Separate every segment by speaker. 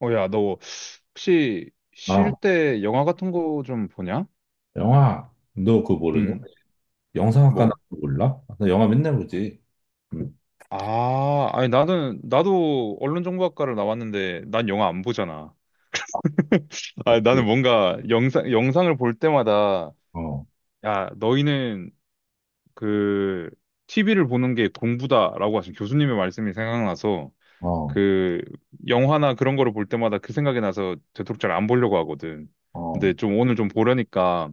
Speaker 1: 어, 야, 너 혹시
Speaker 2: 아,
Speaker 1: 쉴 때 영화 같은 거 좀 보냐?
Speaker 2: 영화, 너 그거 모르냐?
Speaker 1: 응.
Speaker 2: 영상학과 나
Speaker 1: 뭐?
Speaker 2: 그거 몰라? 나 영화 맨날 보지. 응,
Speaker 1: 아, 아니 나는 나도 언론정보학과를 나왔는데 난 영화 안 보잖아. 아,
Speaker 2: 맞지?
Speaker 1: 나는 뭔가 영상을 볼 때마다,
Speaker 2: 어,
Speaker 1: 야, 너희는 그 TV를 보는 게 공부다라고 하신 교수님의 말씀이 생각나서
Speaker 2: 어,
Speaker 1: 그 영화나 그런 거를 볼 때마다 그 생각이 나서 되도록 잘 안 보려고 하거든.
Speaker 2: 어,
Speaker 1: 근데 좀 오늘 좀 보려니까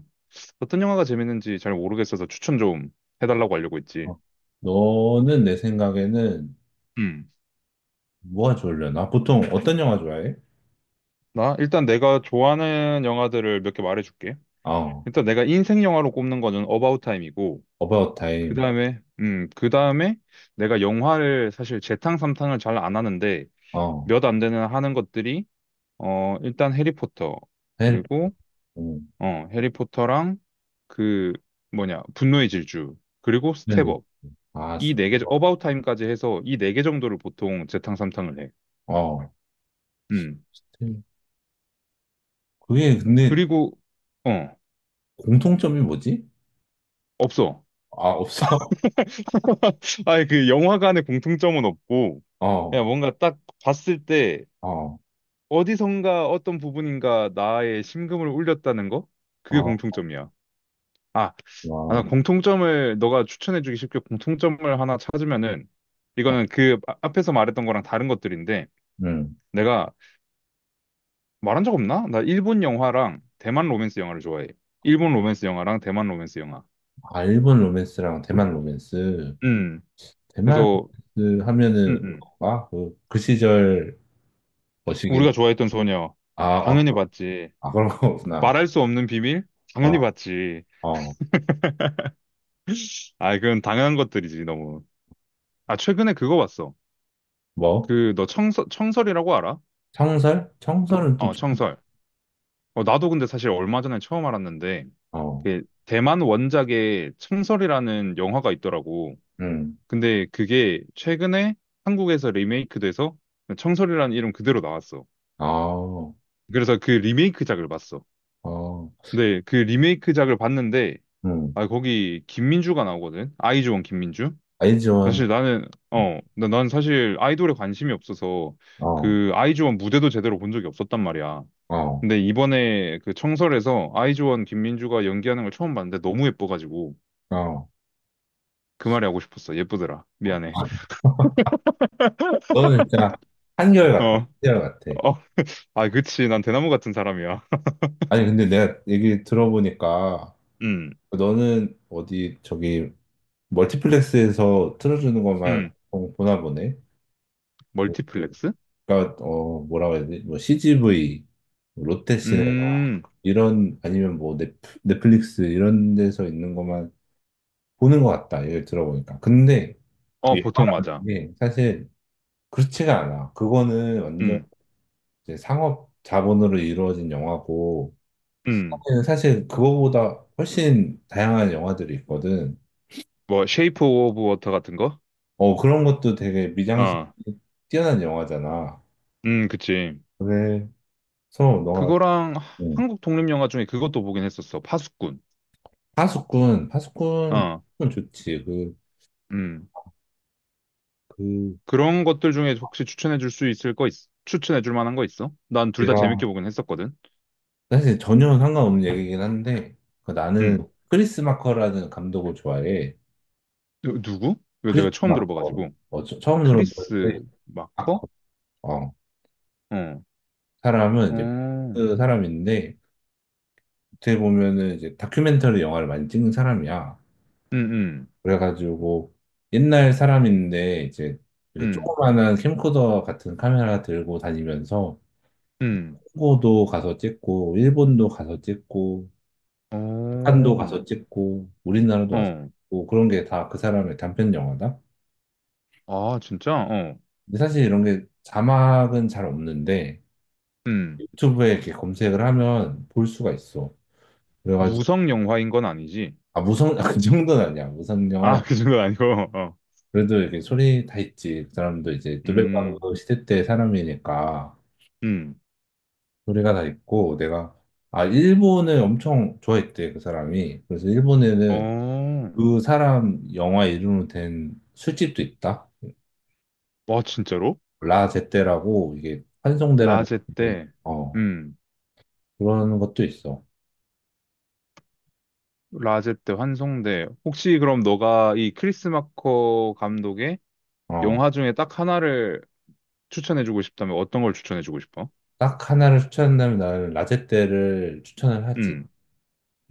Speaker 1: 어떤 영화가 재밌는지 잘 모르겠어서 추천 좀 해달라고 하려고 했지.
Speaker 2: 어. 너는 내 생각에는
Speaker 1: 음.
Speaker 2: 뭐가 좋으려나? 보통 어떤 영화 좋아해?
Speaker 1: 나 일단 내가 좋아하는 영화들을 몇 개 말해줄게.
Speaker 2: 어,
Speaker 1: 일단 내가 인생 영화로 꼽는 거는 어바웃 타임이고,
Speaker 2: About
Speaker 1: 그
Speaker 2: Time,
Speaker 1: 다음에, 그 다음에 내가 영화를 사실 재탕 삼탕을 잘 안 하는데
Speaker 2: 어,
Speaker 1: 몇 안 되는 하는 것들이 일단 해리포터
Speaker 2: 헬,
Speaker 1: 그리고
Speaker 2: 음,
Speaker 1: 해리포터랑 그 뭐냐 분노의 질주 그리고
Speaker 2: 네.
Speaker 1: 스텝업.
Speaker 2: 아,
Speaker 1: 이 네 개,
Speaker 2: 스티커.
Speaker 1: 어바웃 타임까지 해서 이 네 개 정도를 보통 재탕 삼탕을 해.
Speaker 2: 어,
Speaker 1: 음.
Speaker 2: 그게 근데
Speaker 1: 그리고, 어,
Speaker 2: 공통점이 뭐지?
Speaker 1: 없어.
Speaker 2: 아, 없어?
Speaker 1: 아니, 그 영화관의 공통점은 없고, 그냥
Speaker 2: 어,
Speaker 1: 뭔가 딱 봤을 때
Speaker 2: 어,
Speaker 1: 어디선가 어떤 부분인가 나의 심금을 울렸다는 거? 그게
Speaker 2: 어,
Speaker 1: 공통점이야. 아, 아, 나
Speaker 2: 와,
Speaker 1: 공통점을 너가 추천해주기 쉽게 공통점을 하나 찾으면은, 이거는 그 앞에서 말했던 거랑 다른 것들인데,
Speaker 2: 응.
Speaker 1: 내가 말한 적 없나? 나 일본 영화랑 대만 로맨스 영화를 좋아해. 일본 로맨스 영화랑 대만 로맨스 영화.
Speaker 2: 아, 일본 로맨스랑 대만 로맨스.
Speaker 1: 음.
Speaker 2: 대만
Speaker 1: 그래서
Speaker 2: 그 하면은
Speaker 1: 응응
Speaker 2: 그건가? 그, 그 시절 머시기
Speaker 1: 우리가 좋아했던 소녀.
Speaker 2: 아, 아,
Speaker 1: 당연히
Speaker 2: 그
Speaker 1: 봤지.
Speaker 2: 아 그런 거구나.
Speaker 1: 말할 수 없는 비밀? 당연히
Speaker 2: 아,
Speaker 1: 봤지.
Speaker 2: 어,
Speaker 1: 아, 그건 당연한 것들이지, 너무. 아, 최근에 그거 봤어.
Speaker 2: 뭐?
Speaker 1: 그, 너 청설, 청설이라고 알아?
Speaker 2: 청설? 청설은 또
Speaker 1: 어,
Speaker 2: 좀,
Speaker 1: 청설. 어, 나도 근데 사실 얼마 전에 처음 알았는데,
Speaker 2: 어,
Speaker 1: 그, 대만 원작의 청설이라는 영화가 있더라고.
Speaker 2: 음,
Speaker 1: 근데 그게 최근에 한국에서 리메이크돼서 청설이라는 이름 그대로 나왔어.
Speaker 2: 아, 어,
Speaker 1: 그래서 그 리메이크작을 봤어. 근데 그 리메이크작을 봤는데,
Speaker 2: 음,
Speaker 1: 아, 거기 김민주가 나오거든. 아이즈원 김민주.
Speaker 2: 아이즈원,
Speaker 1: 사실 나는
Speaker 2: 어,
Speaker 1: 어, 난 사실 아이돌에 관심이 없어서
Speaker 2: 어,
Speaker 1: 그 아이즈원 무대도 제대로 본 적이 없었단 말이야.
Speaker 2: 어,
Speaker 1: 근데 이번에 그 청설에서 아이즈원 김민주가 연기하는 걸 처음 봤는데 너무 예뻐가지고
Speaker 2: 어.
Speaker 1: 그 말이 하고 싶었어. 예쁘더라. 미안해.
Speaker 2: 너는 진짜 한결같다.
Speaker 1: 어,
Speaker 2: 한결같아.
Speaker 1: 어, 아, 그치. 난 대나무 같은 사람이야.
Speaker 2: 아니, 근데 내가 얘기 들어보니까
Speaker 1: 음.
Speaker 2: 너는 어디 저기 멀티플렉스에서 틀어주는 것만
Speaker 1: 음.
Speaker 2: 보나 보네.
Speaker 1: 멀티플렉스?
Speaker 2: 그러니까 어 뭐라고 해야 되지? 뭐 CGV, 롯데시네
Speaker 1: 음.
Speaker 2: 이런 아니면 뭐 넷플릭스 이런 데서 있는 것만 보는 것 같다. 얘기를 들어보니까. 근데
Speaker 1: 어,
Speaker 2: 이게
Speaker 1: 보통 맞아.
Speaker 2: 영화인 게 사실 그렇지가 않아. 그거는 완전
Speaker 1: 음.
Speaker 2: 이제 상업 자본으로 이루어진 영화고
Speaker 1: 음.
Speaker 2: 사실 그거보다 훨씬 다양한 영화들이 있거든.
Speaker 1: 뭐 쉐이프 오브 워터 같은 거?
Speaker 2: 어 그런 것도 되게 미장센이
Speaker 1: 어.
Speaker 2: 뛰어난 영화잖아.
Speaker 1: 그치.
Speaker 2: 그래서 너가
Speaker 1: 그거랑
Speaker 2: 음,
Speaker 1: 한국 독립 영화 중에 그것도 보긴 했었어. 파수꾼.
Speaker 2: 파수꾼 파수꾼
Speaker 1: 어.
Speaker 2: 좋지. 그
Speaker 1: 음.
Speaker 2: 그
Speaker 1: 그런 것들 중에 혹시 추천해 줄 수 있을 거 있, 추천해 줄 만한 거 있어? 난 둘 다 재밌게
Speaker 2: 제가
Speaker 1: 보긴 했었거든.
Speaker 2: 사실 전혀 상관없는 얘기긴 한데 그 나는
Speaker 1: 음.
Speaker 2: 크리스 마커라는 감독을 좋아해.
Speaker 1: 누, 누구? 이거
Speaker 2: 크리스
Speaker 1: 내가 처음
Speaker 2: 마커.
Speaker 1: 들어봐가지고.
Speaker 2: 어, 처음 들어보는데
Speaker 1: 크리스 마커?
Speaker 2: 마커. 어,
Speaker 1: 어.
Speaker 2: 사람은
Speaker 1: 어.
Speaker 2: 이제
Speaker 1: 음.
Speaker 2: 그 사람인데 어떻게 보면은 이제 다큐멘터리 영화를 많이 찍는 사람이야.
Speaker 1: 음.
Speaker 2: 그래가지고 옛날 사람인데 이제 이렇게
Speaker 1: 음.
Speaker 2: 조그만한 캠코더 같은 카메라 들고 다니면서
Speaker 1: 음.
Speaker 2: 홍고도 가서 찍고 일본도 가서 찍고 북한도
Speaker 1: 어.
Speaker 2: 가서 찍고 우리나라도 와서
Speaker 1: 어.
Speaker 2: 찍고 그런 게 다 그 사람의 단편 영화다.
Speaker 1: 아, 진짜? 어.
Speaker 2: 근데 사실 이런 게 자막은 잘 없는데
Speaker 1: 음.
Speaker 2: 유튜브에 이렇게 검색을 하면 볼 수가 있어. 그래가지고
Speaker 1: 무성 영화인 건 아니지?
Speaker 2: 아 무성 아, 그 정도는 아니야 무성 영화.
Speaker 1: 아, 그 정도는 아니고. 어.
Speaker 2: 그래도 이렇게 소리 다 있지. 그 사람도 이제
Speaker 1: 음.
Speaker 2: 노벨바흐 시대 때 사람이니까
Speaker 1: 음.
Speaker 2: 소리가 다 있고 내가 아 일본을 엄청 좋아했대 그 사람이. 그래서 일본에는
Speaker 1: 어.
Speaker 2: 그 사람 영화 이름으로 된 술집도 있다.
Speaker 1: 와, 진짜로?
Speaker 2: 라제떼라고 이게 환송대라는
Speaker 1: 라제
Speaker 2: 데
Speaker 1: 때,
Speaker 2: 어,
Speaker 1: 음,
Speaker 2: 그런 것도 있어.
Speaker 1: 라제 때 환송대. 혹시 그럼 너가 이 크리스 마커 감독의
Speaker 2: 어,
Speaker 1: 영화 중에 딱 하나를 추천해주고 싶다면 어떤 걸 추천해주고 싶어?
Speaker 2: 딱 하나를 추천한다면 나는 라제떼를 추천을 하지.
Speaker 1: 음.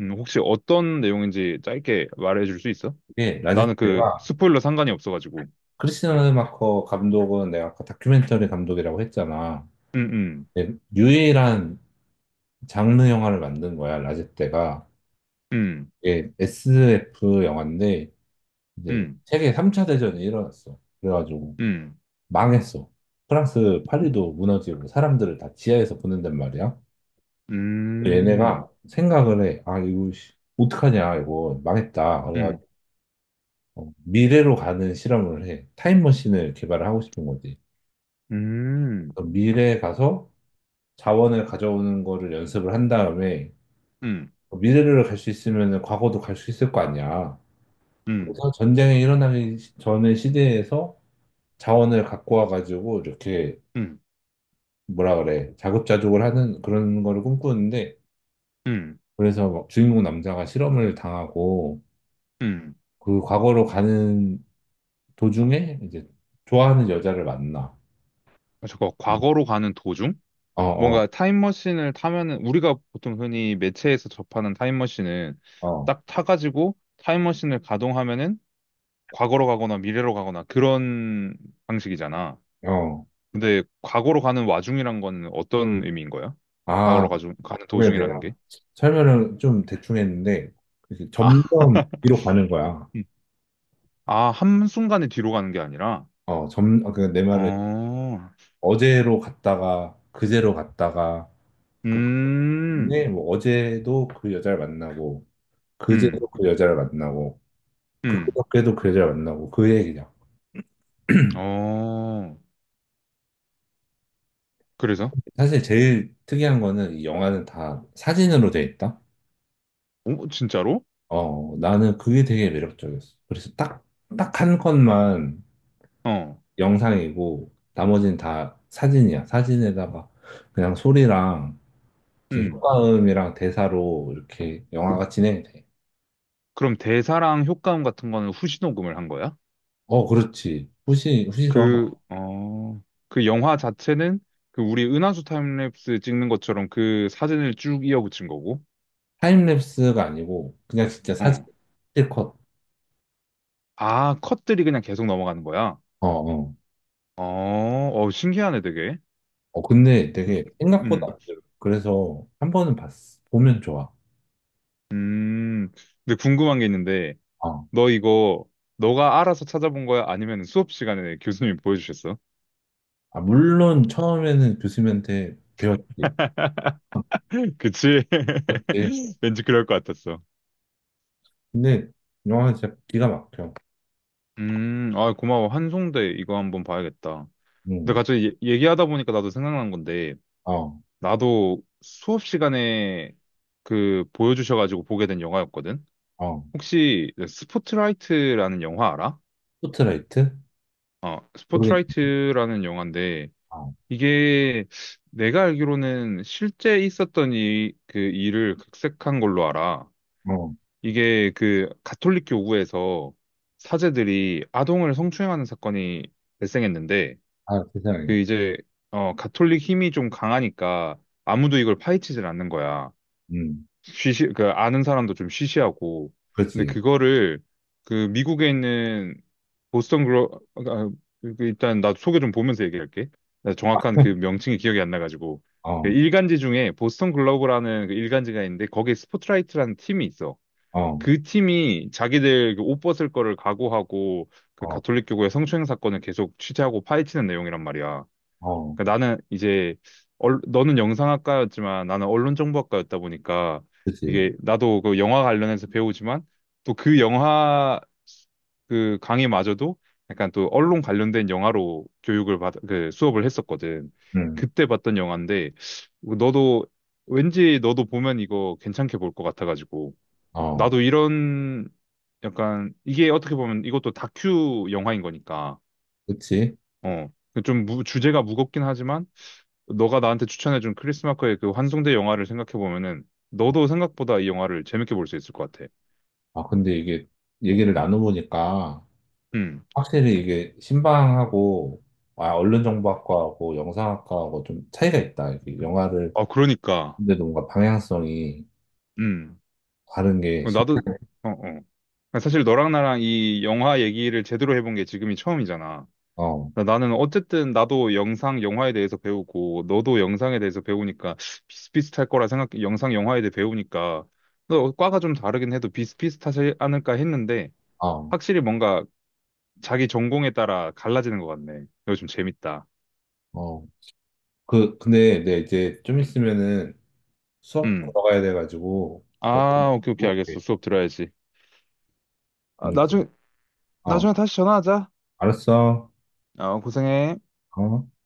Speaker 1: 혹시 어떤 내용인지 짧게 말해줄 수 있어?
Speaker 2: 이게 라제
Speaker 1: 나는
Speaker 2: 떼
Speaker 1: 그
Speaker 2: 가
Speaker 1: 스포일러 상관이 없어가지고.
Speaker 2: 크리스티아노 르마커 감독은 내가 아까 다큐멘터리 감독이라고 했잖아.
Speaker 1: 음. 음.
Speaker 2: 예, 유일한 장르 영화를 만든 거야, 라제떼가.
Speaker 1: 음.
Speaker 2: 이게 SF 영화인데 이제
Speaker 1: 음.
Speaker 2: 세계 3차 대전이 일어났어. 그래가지고
Speaker 1: 음.
Speaker 2: 망했어. 프랑스 파리도 무너지고 사람들을 다 지하에서 보낸단 말이야. 얘네가
Speaker 1: 음.
Speaker 2: 생각을 해. 아, 이거 씨, 어떡하냐, 이거 망했다.
Speaker 1: 음.
Speaker 2: 그래가지고 어, 미래로 가는 실험을 해. 타임머신을 개발을 하고 싶은 거지.
Speaker 1: 음.
Speaker 2: 그래서 미래에 가서 자원을 가져오는 거를 연습을 한 다음에
Speaker 1: 음.
Speaker 2: 어, 미래를 갈 수 있으면 과거도 갈 수 있을 거 아니야.
Speaker 1: 음.
Speaker 2: 그래서 전쟁이 일어나기 전의 시대에서 자원을 갖고 와가지고 이렇게
Speaker 1: 음.
Speaker 2: 뭐라 그래 자급자족을 하는 그런 거를 꿈꾸는데
Speaker 1: 음.
Speaker 2: 그래서 막 주인공 남자가 실험을 당하고
Speaker 1: 음.
Speaker 2: 그 과거로 가는 도중에 이제 좋아하는 여자를 만나.
Speaker 1: 아, 잠깐, 과거로 가는 도중?
Speaker 2: 어, 어,
Speaker 1: 뭔가 타임머신을 타면은 우리가 보통 흔히 매체에서 접하는 타임머신은
Speaker 2: 어,
Speaker 1: 딱 타가지고 타임머신을 가동하면은 과거로 가거나 미래로 가거나 그런 방식이잖아.
Speaker 2: 어.
Speaker 1: 근데 과거로 가는 와중이란 건 어떤 의미인 거야?
Speaker 2: 아,
Speaker 1: 과거로 가중, 가는
Speaker 2: 그래
Speaker 1: 도중이라는
Speaker 2: 내가
Speaker 1: 게?
Speaker 2: 설명을 좀 대충 했는데 이렇게
Speaker 1: 아.
Speaker 2: 점점 뒤로 가는 거야.
Speaker 1: 음. 아, 한순간에 뒤로 가는 게 아니라?
Speaker 2: 어, 점, 아, 그러니까 내 말은
Speaker 1: 어.
Speaker 2: 어제로 갔다가 그제로 갔다가 그
Speaker 1: 음.
Speaker 2: 다음에 뭐 어제도 그 여자를 만나고 그제도
Speaker 1: 음.
Speaker 2: 그 여자를 만나고 그,
Speaker 1: 음.
Speaker 2: 그저께도 그 여자를 만나고 그 얘기야.
Speaker 1: 어, 그래서?
Speaker 2: 사실 제일 특이한 거는 이 영화는 다 사진으로 돼 있다.
Speaker 1: 오, 진짜로?
Speaker 2: 어, 나는 그게 되게 매력적이었어. 그래서 딱 한 컷만
Speaker 1: 어.
Speaker 2: 영상이고, 나머지는 다 사진이야. 사진에다가 그냥 소리랑, 이렇게
Speaker 1: 음.
Speaker 2: 효과음이랑 대사로 이렇게 영화가 진행이 돼.
Speaker 1: 그럼 대사랑 효과음 같은 거는 후시 녹음을 한 거야?
Speaker 2: 어, 그렇지. 후시로 한
Speaker 1: 그,
Speaker 2: 거.
Speaker 1: 어, 그 영화 자체는 그 우리 은하수 타임랩스 찍는 것처럼 그 사진을 쭉 이어붙인 거고,
Speaker 2: 타임랩스가 아니고, 그냥 진짜 사진,
Speaker 1: 어.
Speaker 2: 실컷.
Speaker 1: 아, 컷들이 그냥 계속 넘어가는 거야?
Speaker 2: 어, 어.
Speaker 1: 어. 어, 신기하네, 되게.
Speaker 2: 어, 근데 되게 생각보다
Speaker 1: 음.
Speaker 2: 안 들어. 그래서 한 번은 봤어. 보면 좋아.
Speaker 1: 음. 근데 궁금한 게 있는데,
Speaker 2: 어.
Speaker 1: 너 이거, 너가 알아서 찾아본 거야? 아니면 수업 시간에 교수님이 보여주셨어?
Speaker 2: 아, 물론 처음에는 교수님한테 배웠지.
Speaker 1: 그치? 왠지 그럴 것 같았어.
Speaker 2: 근데 영화 진짜 기가 막혀.
Speaker 1: 아, 고마워. 한송대 이거 한번 봐야겠다. 근데
Speaker 2: 음,
Speaker 1: 갑자기 얘기하다 보니까 나도 생각난 건데,
Speaker 2: 어,
Speaker 1: 나도 수업 시간에 그 보여주셔가지고 보게 된 영화였거든?
Speaker 2: 어.
Speaker 1: 혹시 그 스포트라이트라는 영화 알아?
Speaker 2: 포트라이트?
Speaker 1: 어,
Speaker 2: 모르겠네.
Speaker 1: 스포트라이트라는 영화인데,
Speaker 2: 어,
Speaker 1: 이게 내가 알기로는 실제 있었던 이, 그 일을 각색한 걸로 알아.
Speaker 2: 어.
Speaker 1: 이게 그 가톨릭 교구에서 사제들이 아동을 성추행하는 사건이 발생했는데,
Speaker 2: 아,
Speaker 1: 그
Speaker 2: 세상에.
Speaker 1: 이제 가톨릭 힘이 좀 강하니까 아무도 이걸 파헤치질 않는 거야.
Speaker 2: 음,
Speaker 1: 쉬시 그 아는 사람도 좀 쉬쉬하고. 근데
Speaker 2: 그렇지.
Speaker 1: 그거를 그 미국에 있는 보스턴 글로, 아, 그 일단 나 소개 좀 보면서 얘기할게. 나 정확한 그 명칭이 기억이 안 나가지고. 그
Speaker 2: 어,
Speaker 1: 일간지 중에 보스턴 글로브라는 그 일간지가 있는데 거기에 스포트라이트라는 팀이 있어.
Speaker 2: 어,
Speaker 1: 그 팀이 자기들 그옷 벗을 거를 각오하고 그
Speaker 2: 어,
Speaker 1: 가톨릭 교구의 성추행 사건을 계속 취재하고 파헤치는 내용이란 말이야.
Speaker 2: 어.
Speaker 1: 그러니까 나는 이제 얼, 너는 영상학과였지만 나는 언론정보학과였다 보니까
Speaker 2: 그렇지.
Speaker 1: 이게 나도 그 영화 관련해서 배우지만 또 그 영화 그 강의마저도 약간 또 언론 관련된 영화로 교육을 받, 그 수업을 했었거든.
Speaker 2: 음,
Speaker 1: 그때 봤던 영화인데 너도, 왠지 너도 보면 이거 괜찮게 볼 것 같아가지고,
Speaker 2: 어,
Speaker 1: 나도 이런 약간 이게 어떻게 보면 이것도 다큐 영화인 거니까.
Speaker 2: 그렇지.
Speaker 1: 어. 좀 무, 주제가 무겁긴 하지만 너가 나한테 추천해준 크리스마커의 그 환송대 영화를 생각해보면은 너도 생각보다 이 영화를 재밌게 볼 수 있을 것 같아.
Speaker 2: 아, 근데 이게 얘기를 나눠보니까
Speaker 1: 음.
Speaker 2: 확실히 이게 신방하고 아, 언론정보학과하고 영상학과하고 좀 차이가 있다. 이게 영화를
Speaker 1: 아, 그러니까.
Speaker 2: 근데도 뭔가 방향성이
Speaker 1: 음.
Speaker 2: 다른 게
Speaker 1: 어,
Speaker 2: 신-
Speaker 1: 나도, 어, 어. 사실 너랑 나랑 이 영화 얘기를 제대로 해본 게 지금이 처음이잖아.
Speaker 2: 어,
Speaker 1: 나는 어쨌든 나도 영상 영화에 대해서 배우고 너도 영상에 대해서 배우니까 비슷비슷할 거라 생각, 영상 영화에 대해 배우니까 너 과가 좀 다르긴 해도 비슷비슷하지 않을까 했는데
Speaker 2: 어,
Speaker 1: 확실히 뭔가 자기 전공에 따라 갈라지는 것 같네. 이거 좀 재밌다.
Speaker 2: 어. 그 근데 내 이제 좀 있으면은 수업
Speaker 1: 음.
Speaker 2: 들어가야 돼가지고 뭐저
Speaker 1: 아, 오케이, 오케이, 알겠어.
Speaker 2: 먹게.
Speaker 1: 수업 들어야지. 아,
Speaker 2: 응.
Speaker 1: 나중에,
Speaker 2: 어,
Speaker 1: 나중에 다시 전화하자.
Speaker 2: 알았어.
Speaker 1: 어, 고생해.
Speaker 2: 어.